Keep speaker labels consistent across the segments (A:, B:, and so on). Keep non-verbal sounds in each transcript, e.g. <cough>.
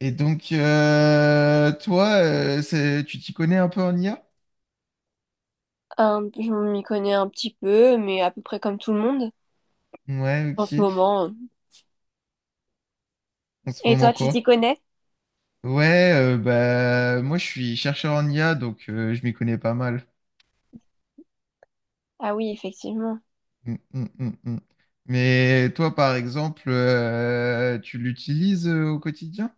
A: Toi, tu t'y connais un peu en IA?
B: Je m'y connais un petit peu, mais à peu près comme tout le monde
A: Ouais,
B: en ce
A: ok.
B: moment.
A: En ce
B: Et
A: moment,
B: toi, tu t'y
A: quoi?
B: connais?
A: Moi, je suis chercheur en IA, donc je m'y connais pas mal.
B: Ah oui, effectivement.
A: Mm, mm, mm, mm. Mais toi, par exemple, tu l'utilises au quotidien?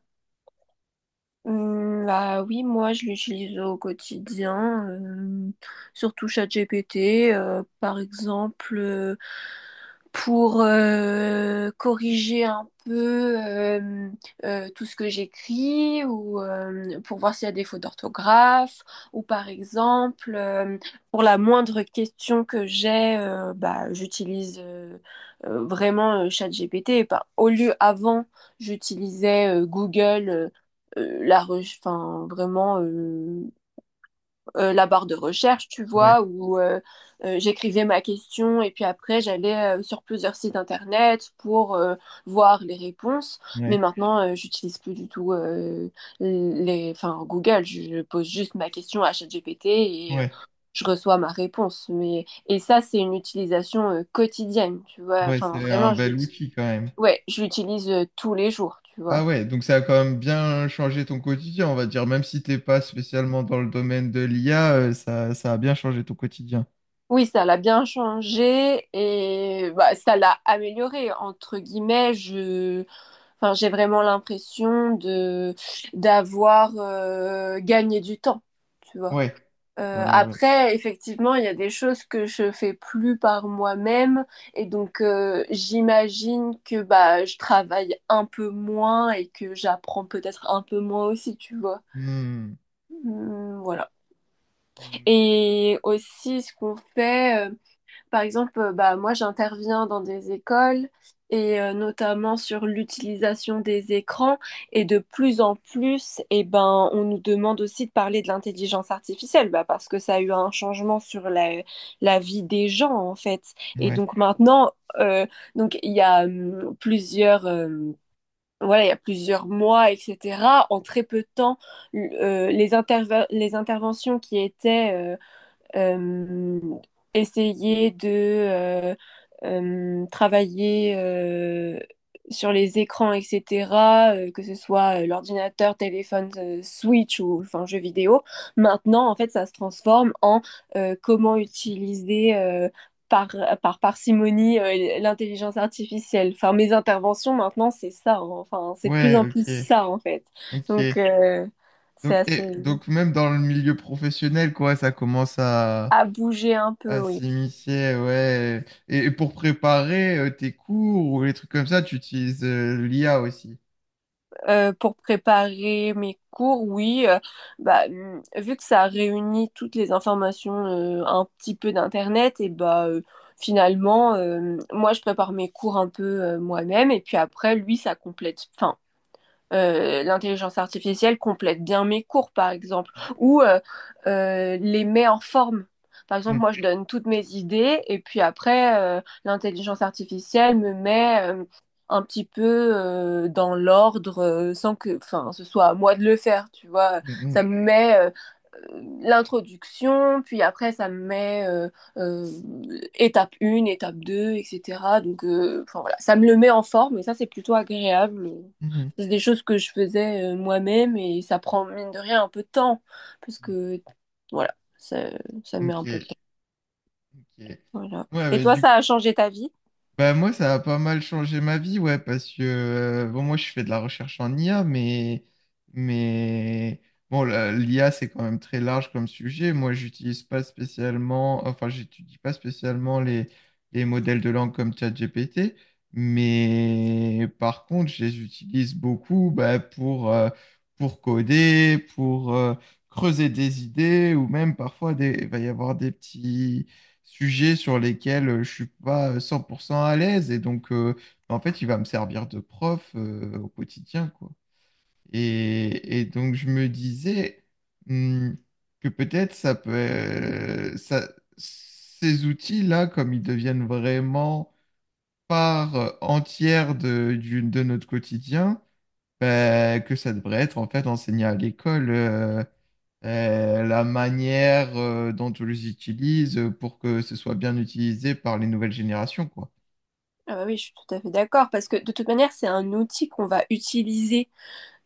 B: Bah oui, moi je l'utilise au quotidien, surtout ChatGPT, par exemple, pour corriger un peu tout ce que j'écris ou pour voir s'il y a des fautes d'orthographe ou par exemple, pour la moindre question que j'ai, bah, j'utilise vraiment ChatGPT. Bah, au lieu avant, j'utilisais Google enfin, vraiment la barre de recherche, tu
A: Ouais,
B: vois, où j'écrivais ma question et puis après j'allais sur plusieurs sites internet pour voir les réponses. Mais
A: ouais,
B: maintenant, j'utilise plus du tout les, enfin, Google. Je pose juste ma question à ChatGPT et
A: ouais.
B: je reçois ma réponse. Mais et ça, c'est une utilisation quotidienne, tu vois.
A: Ouais,
B: Enfin,
A: c'est un
B: vraiment, je
A: bel
B: l'utilise,
A: outil quand même.
B: ouais, je l'utilise tous les jours, tu
A: Ah
B: vois.
A: ouais, donc ça a quand même bien changé ton quotidien, on va dire. Même si t'es pas spécialement dans le domaine de l'IA, ça a bien changé ton quotidien.
B: Oui, ça l'a bien changé et bah, ça l'a amélioré, entre guillemets. Je... Enfin, j'ai vraiment l'impression de d'avoir gagné du temps, tu vois.
A: Ouais. Ouais, ouais.
B: Après, effectivement, il y a des choses que je fais plus par moi-même et donc j'imagine que bah je travaille un peu moins et que j'apprends peut-être un peu moins aussi, tu vois.
A: Hmm.
B: Voilà.
A: Hmm.
B: Et aussi, ce qu'on fait. Par exemple, bah, moi j'interviens dans des écoles et notamment sur l'utilisation des écrans et de plus en plus, eh ben, on nous demande aussi de parler de l'intelligence artificielle bah, parce que ça a eu un changement sur la vie des gens en fait. Et
A: Ouais.
B: donc maintenant, euh, donc, il y a voilà, il y a plusieurs mois, etc. En très peu de temps, les les interventions qui étaient euh, essayer de travailler sur les écrans, etc., que ce soit l'ordinateur, téléphone, Switch ou enfin jeux vidéo. Maintenant, en fait, ça se transforme en comment utiliser par, par parcimonie l'intelligence artificielle. Enfin, mes interventions maintenant, c'est ça. Hein. Enfin, c'est de plus
A: Ouais,
B: en plus
A: ok.
B: ça, en fait.
A: Ok.
B: Donc, c'est
A: Donc,
B: assez
A: et, donc même dans le milieu professionnel, quoi,
B: à bouger un peu,
A: à
B: oui.
A: s'immiscer, ouais. Et pour préparer tes cours ou les trucs comme ça, tu utilises l'IA aussi.
B: Pour préparer mes cours, oui, bah, vu que ça réunit toutes les informations un petit peu d'Internet, et bah finalement, moi je prépare mes cours un peu moi-même, et puis après, lui, ça complète. Enfin, l'intelligence artificielle complète bien mes cours, par exemple, ou les met en forme. Par exemple,
A: Hmm.
B: moi, je donne toutes mes idées et puis après, l'intelligence artificielle me met un petit peu dans l'ordre sans que, enfin, ce soit à moi de le faire, tu vois.
A: Hmm,
B: Ça me met l'introduction, puis après, ça me met euh, étape 1, étape 2, etc. Donc, enfin, voilà, ça me le met en forme et ça, c'est plutôt agréable.
A: hmm,
B: C'est des choses que je faisais moi-même et ça prend, mine de rien, un peu de temps. Parce
A: hmm.
B: que, voilà, ça met un peu de
A: Ok.
B: temps.
A: Ok.
B: Voilà.
A: Ouais,
B: Et
A: mais
B: toi, ça
A: du
B: a changé ta vie?
A: Bah moi, ça a pas mal changé ma vie, ouais, parce que bon, moi, je fais de la recherche en IA, mais bon, l'IA, c'est quand même très large comme sujet. Moi, j'utilise pas spécialement, enfin, j'étudie pas spécialement les modèles de langue comme ChatGPT, mais par contre, je les utilise beaucoup, bah, pour coder, pour creuser des idées, ou même parfois il va y avoir des petits sujets sur lesquels je suis pas 100% à l'aise. Et donc, en fait, il va me servir de prof au quotidien, quoi. Et donc, je me disais hmm, que peut-être ces outils-là, comme ils deviennent vraiment part entière de notre quotidien, ben, que ça devrait être en fait enseigné à l'école. La manière dont on les utilise pour que ce soit bien utilisé par les nouvelles générations, quoi.
B: Ah bah oui, je suis tout à fait d'accord. Parce que de toute manière, c'est un outil qu'on va utiliser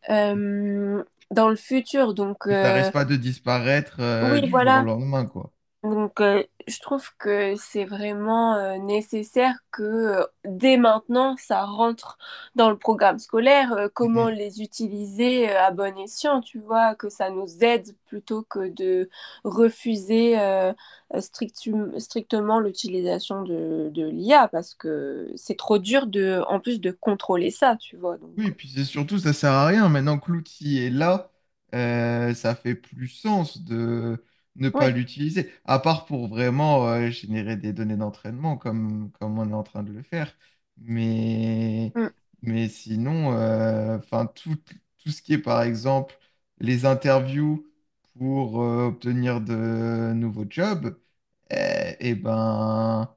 B: euh, dans le futur. Donc,
A: Que ça risque pas de disparaître
B: oui,
A: du jour au
B: voilà.
A: lendemain, quoi.
B: Donc, je trouve que c'est vraiment nécessaire que dès maintenant, ça rentre dans le programme scolaire,
A: Mm,
B: comment
A: mm.
B: les utiliser à bon escient, tu vois, que ça nous aide plutôt que de refuser strictement l'utilisation de l'IA, parce que c'est trop dur de, en plus de contrôler ça, tu vois. Donc,
A: Oui, et puis c'est surtout, ça sert à rien. Maintenant que l'outil est là, ça fait plus sens de ne pas
B: oui,
A: l'utiliser, à part pour vraiment générer des données d'entraînement comme on est en train de le faire. Mais,
B: Mm.
A: mais sinon, tout ce qui est, par exemple, les interviews pour obtenir de nouveaux jobs, et ben,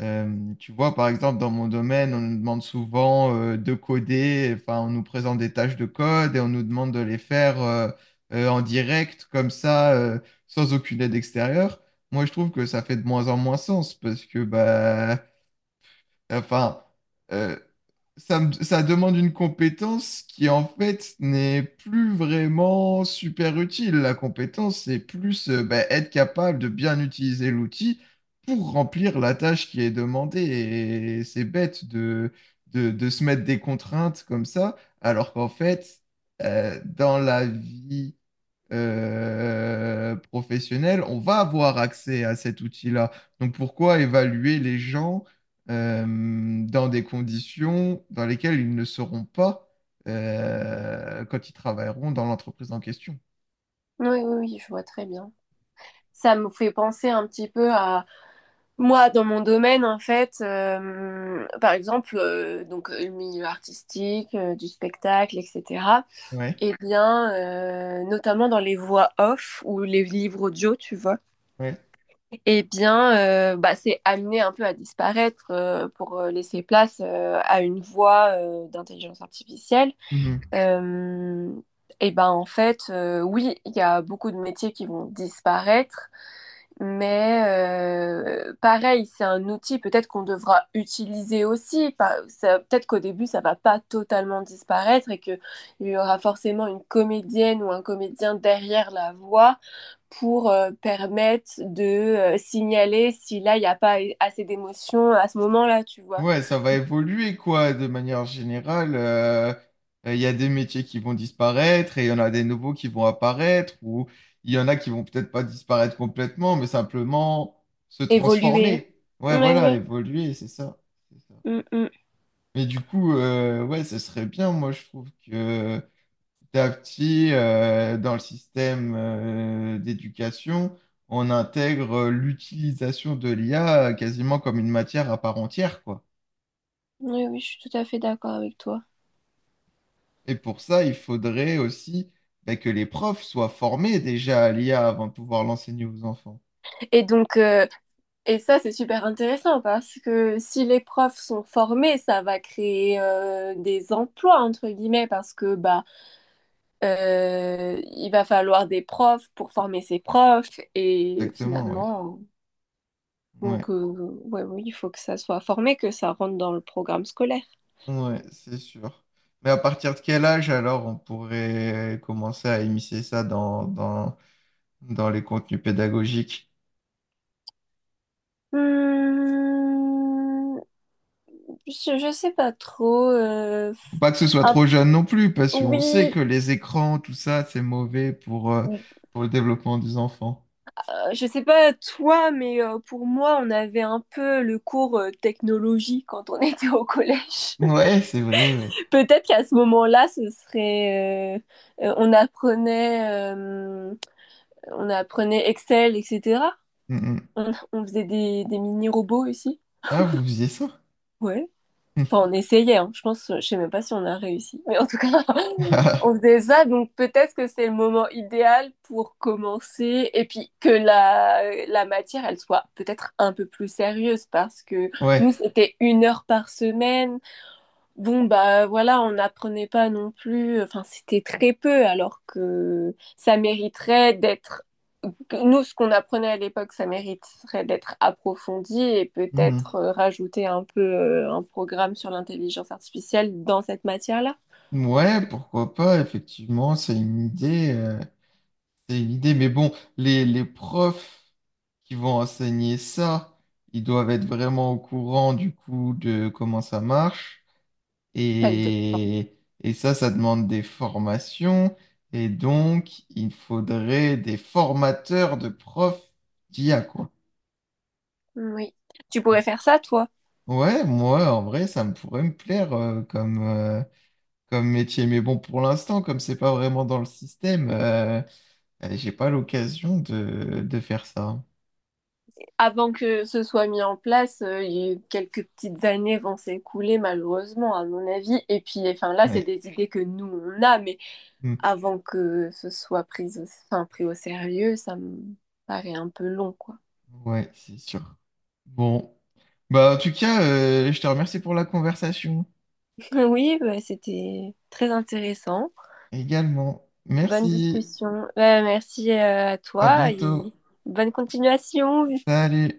A: tu vois, par exemple, dans mon domaine, on nous demande souvent de coder, enfin, on nous présente des tâches de code et on nous demande de les faire en direct, comme ça, sans aucune aide extérieure. Moi, je trouve que ça fait de moins en moins sens parce que Enfin, euh, ça demande une compétence qui en fait n'est plus vraiment super utile. La compétence, c'est plus bah, être capable de bien utiliser l'outil pour remplir la tâche qui est demandée. Et c'est bête de se mettre des contraintes comme ça, alors qu'en fait, dans la vie professionnelle, on va avoir accès à cet outil-là. Donc pourquoi évaluer les gens euh, dans des conditions dans lesquelles ils ne seront pas quand ils travailleront dans l'entreprise en question?
B: Oui, oui, oui, je vois très bien. Ça me fait penser un petit peu à Moi, dans mon domaine, en fait, par exemple, donc le milieu artistique, du spectacle, etc.
A: Ouais,
B: Eh bien, notamment dans les voix off ou les livres audio, tu vois.
A: ouais.
B: Eh bien, bah, c'est amené un peu à disparaître pour laisser place à une voix d'intelligence artificielle. Euh, eh ben, en fait, oui, il y a beaucoup de métiers qui vont disparaître. Mais pareil, c'est un outil peut-être qu'on devra utiliser aussi. Peut-être qu'au début, ça va pas totalement disparaître et qu'il y aura forcément une comédienne ou un comédien derrière la voix pour permettre de signaler si là, il n'y a pas assez d'émotion à ce moment-là, tu vois.
A: Ouais, ça va évoluer quoi, de manière générale. Il y a des métiers qui vont disparaître et il y en a des nouveaux qui vont apparaître ou il y en a qui vont peut-être pas disparaître complètement, mais simplement se
B: Évoluer.
A: transformer. Ouais,
B: Oui,
A: voilà,
B: oui.
A: évoluer, c'est ça. C'est ça.
B: Mm, mm.
A: Mais du coup, ouais, ce serait bien, moi je trouve que petit à petit, dans le système d'éducation, on intègre l'utilisation de l'IA quasiment comme une matière à part entière, quoi.
B: Oui, oui, je suis tout à fait d'accord avec toi.
A: Et pour ça, il faudrait aussi bah, que les profs soient formés déjà à l'IA avant de pouvoir l'enseigner aux enfants.
B: Et donc, Et ça, c'est super intéressant parce que si les profs sont formés, ça va créer des emplois, entre guillemets, parce que bah, il va falloir des profs pour former ces profs. Et
A: Exactement, ouais.
B: finalement, donc,
A: Ouais,
B: ouais, oui, il faut que ça soit formé, que ça rentre dans le programme scolaire.
A: ouais, c'est sûr. Mais à partir de quel âge alors on pourrait commencer à immiscer ça dans les contenus pédagogiques?
B: Hmm, je sais pas trop.
A: Faut Pas que ce soit
B: Un-
A: trop jeune non plus, parce qu'on sait que les écrans, tout ça, c'est mauvais
B: oui,
A: pour le développement des enfants.
B: Je sais pas toi, mais pour moi, on avait un peu le cours technologie quand on <laughs> était au collège.
A: Ouais, c'est vrai, ouais.
B: <laughs> Peut-être qu'à ce moment-là, ce serait, on apprenait Excel, etc.
A: Mm, mm.
B: On faisait des mini-robots aussi.
A: Ah, vous faisiez ça?
B: Ouais. Enfin, on essayait, hein. Je pense, je sais même pas si on a réussi. Mais en tout cas, <laughs> on
A: <laughs>
B: faisait ça. Donc peut-être que c'est le moment idéal pour commencer. Et puis que la matière, elle soit peut-être un peu plus sérieuse parce que nous,
A: Ouais.
B: c'était 1 heure par semaine. Bon, bah voilà, on n'apprenait pas non plus, enfin c'était très peu alors que ça mériterait d'être, que nous ce qu'on apprenait à l'époque, ça mériterait d'être approfondi et
A: Mmh.
B: peut-être rajouter un peu un programme sur l'intelligence artificielle dans cette matière-là.
A: Ouais, pourquoi pas, effectivement, c'est une idée, mais bon, les profs qui vont enseigner ça, ils doivent être vraiment au courant du coup de comment ça marche,
B: Pas exactement.
A: et ça demande des formations, et donc il faudrait des formateurs de profs d'IA quoi.
B: Oui. Tu pourrais faire ça, toi.
A: Ouais, moi, en vrai, ça me pourrait me plaire comme métier. Mais bon, pour l'instant, comme c'est pas vraiment dans le système, J'ai pas l'occasion de faire ça.
B: Avant que ce soit mis en place, quelques petites années vont s'écouler, malheureusement, à mon avis. Et puis, enfin, là, c'est
A: Ouais,
B: des idées que nous, on a, mais
A: hmm.
B: avant que ce soit pris au, enfin, pris au sérieux, ça me paraît un peu long, quoi.
A: Ouais, c'est sûr. Bon. Bah, en tout cas, je te remercie pour la conversation
B: <laughs> Oui, bah, c'était très intéressant.
A: également.
B: Bonne
A: Merci.
B: discussion. Bah, merci à
A: À
B: toi
A: bientôt.
B: et bonne continuation.
A: Salut.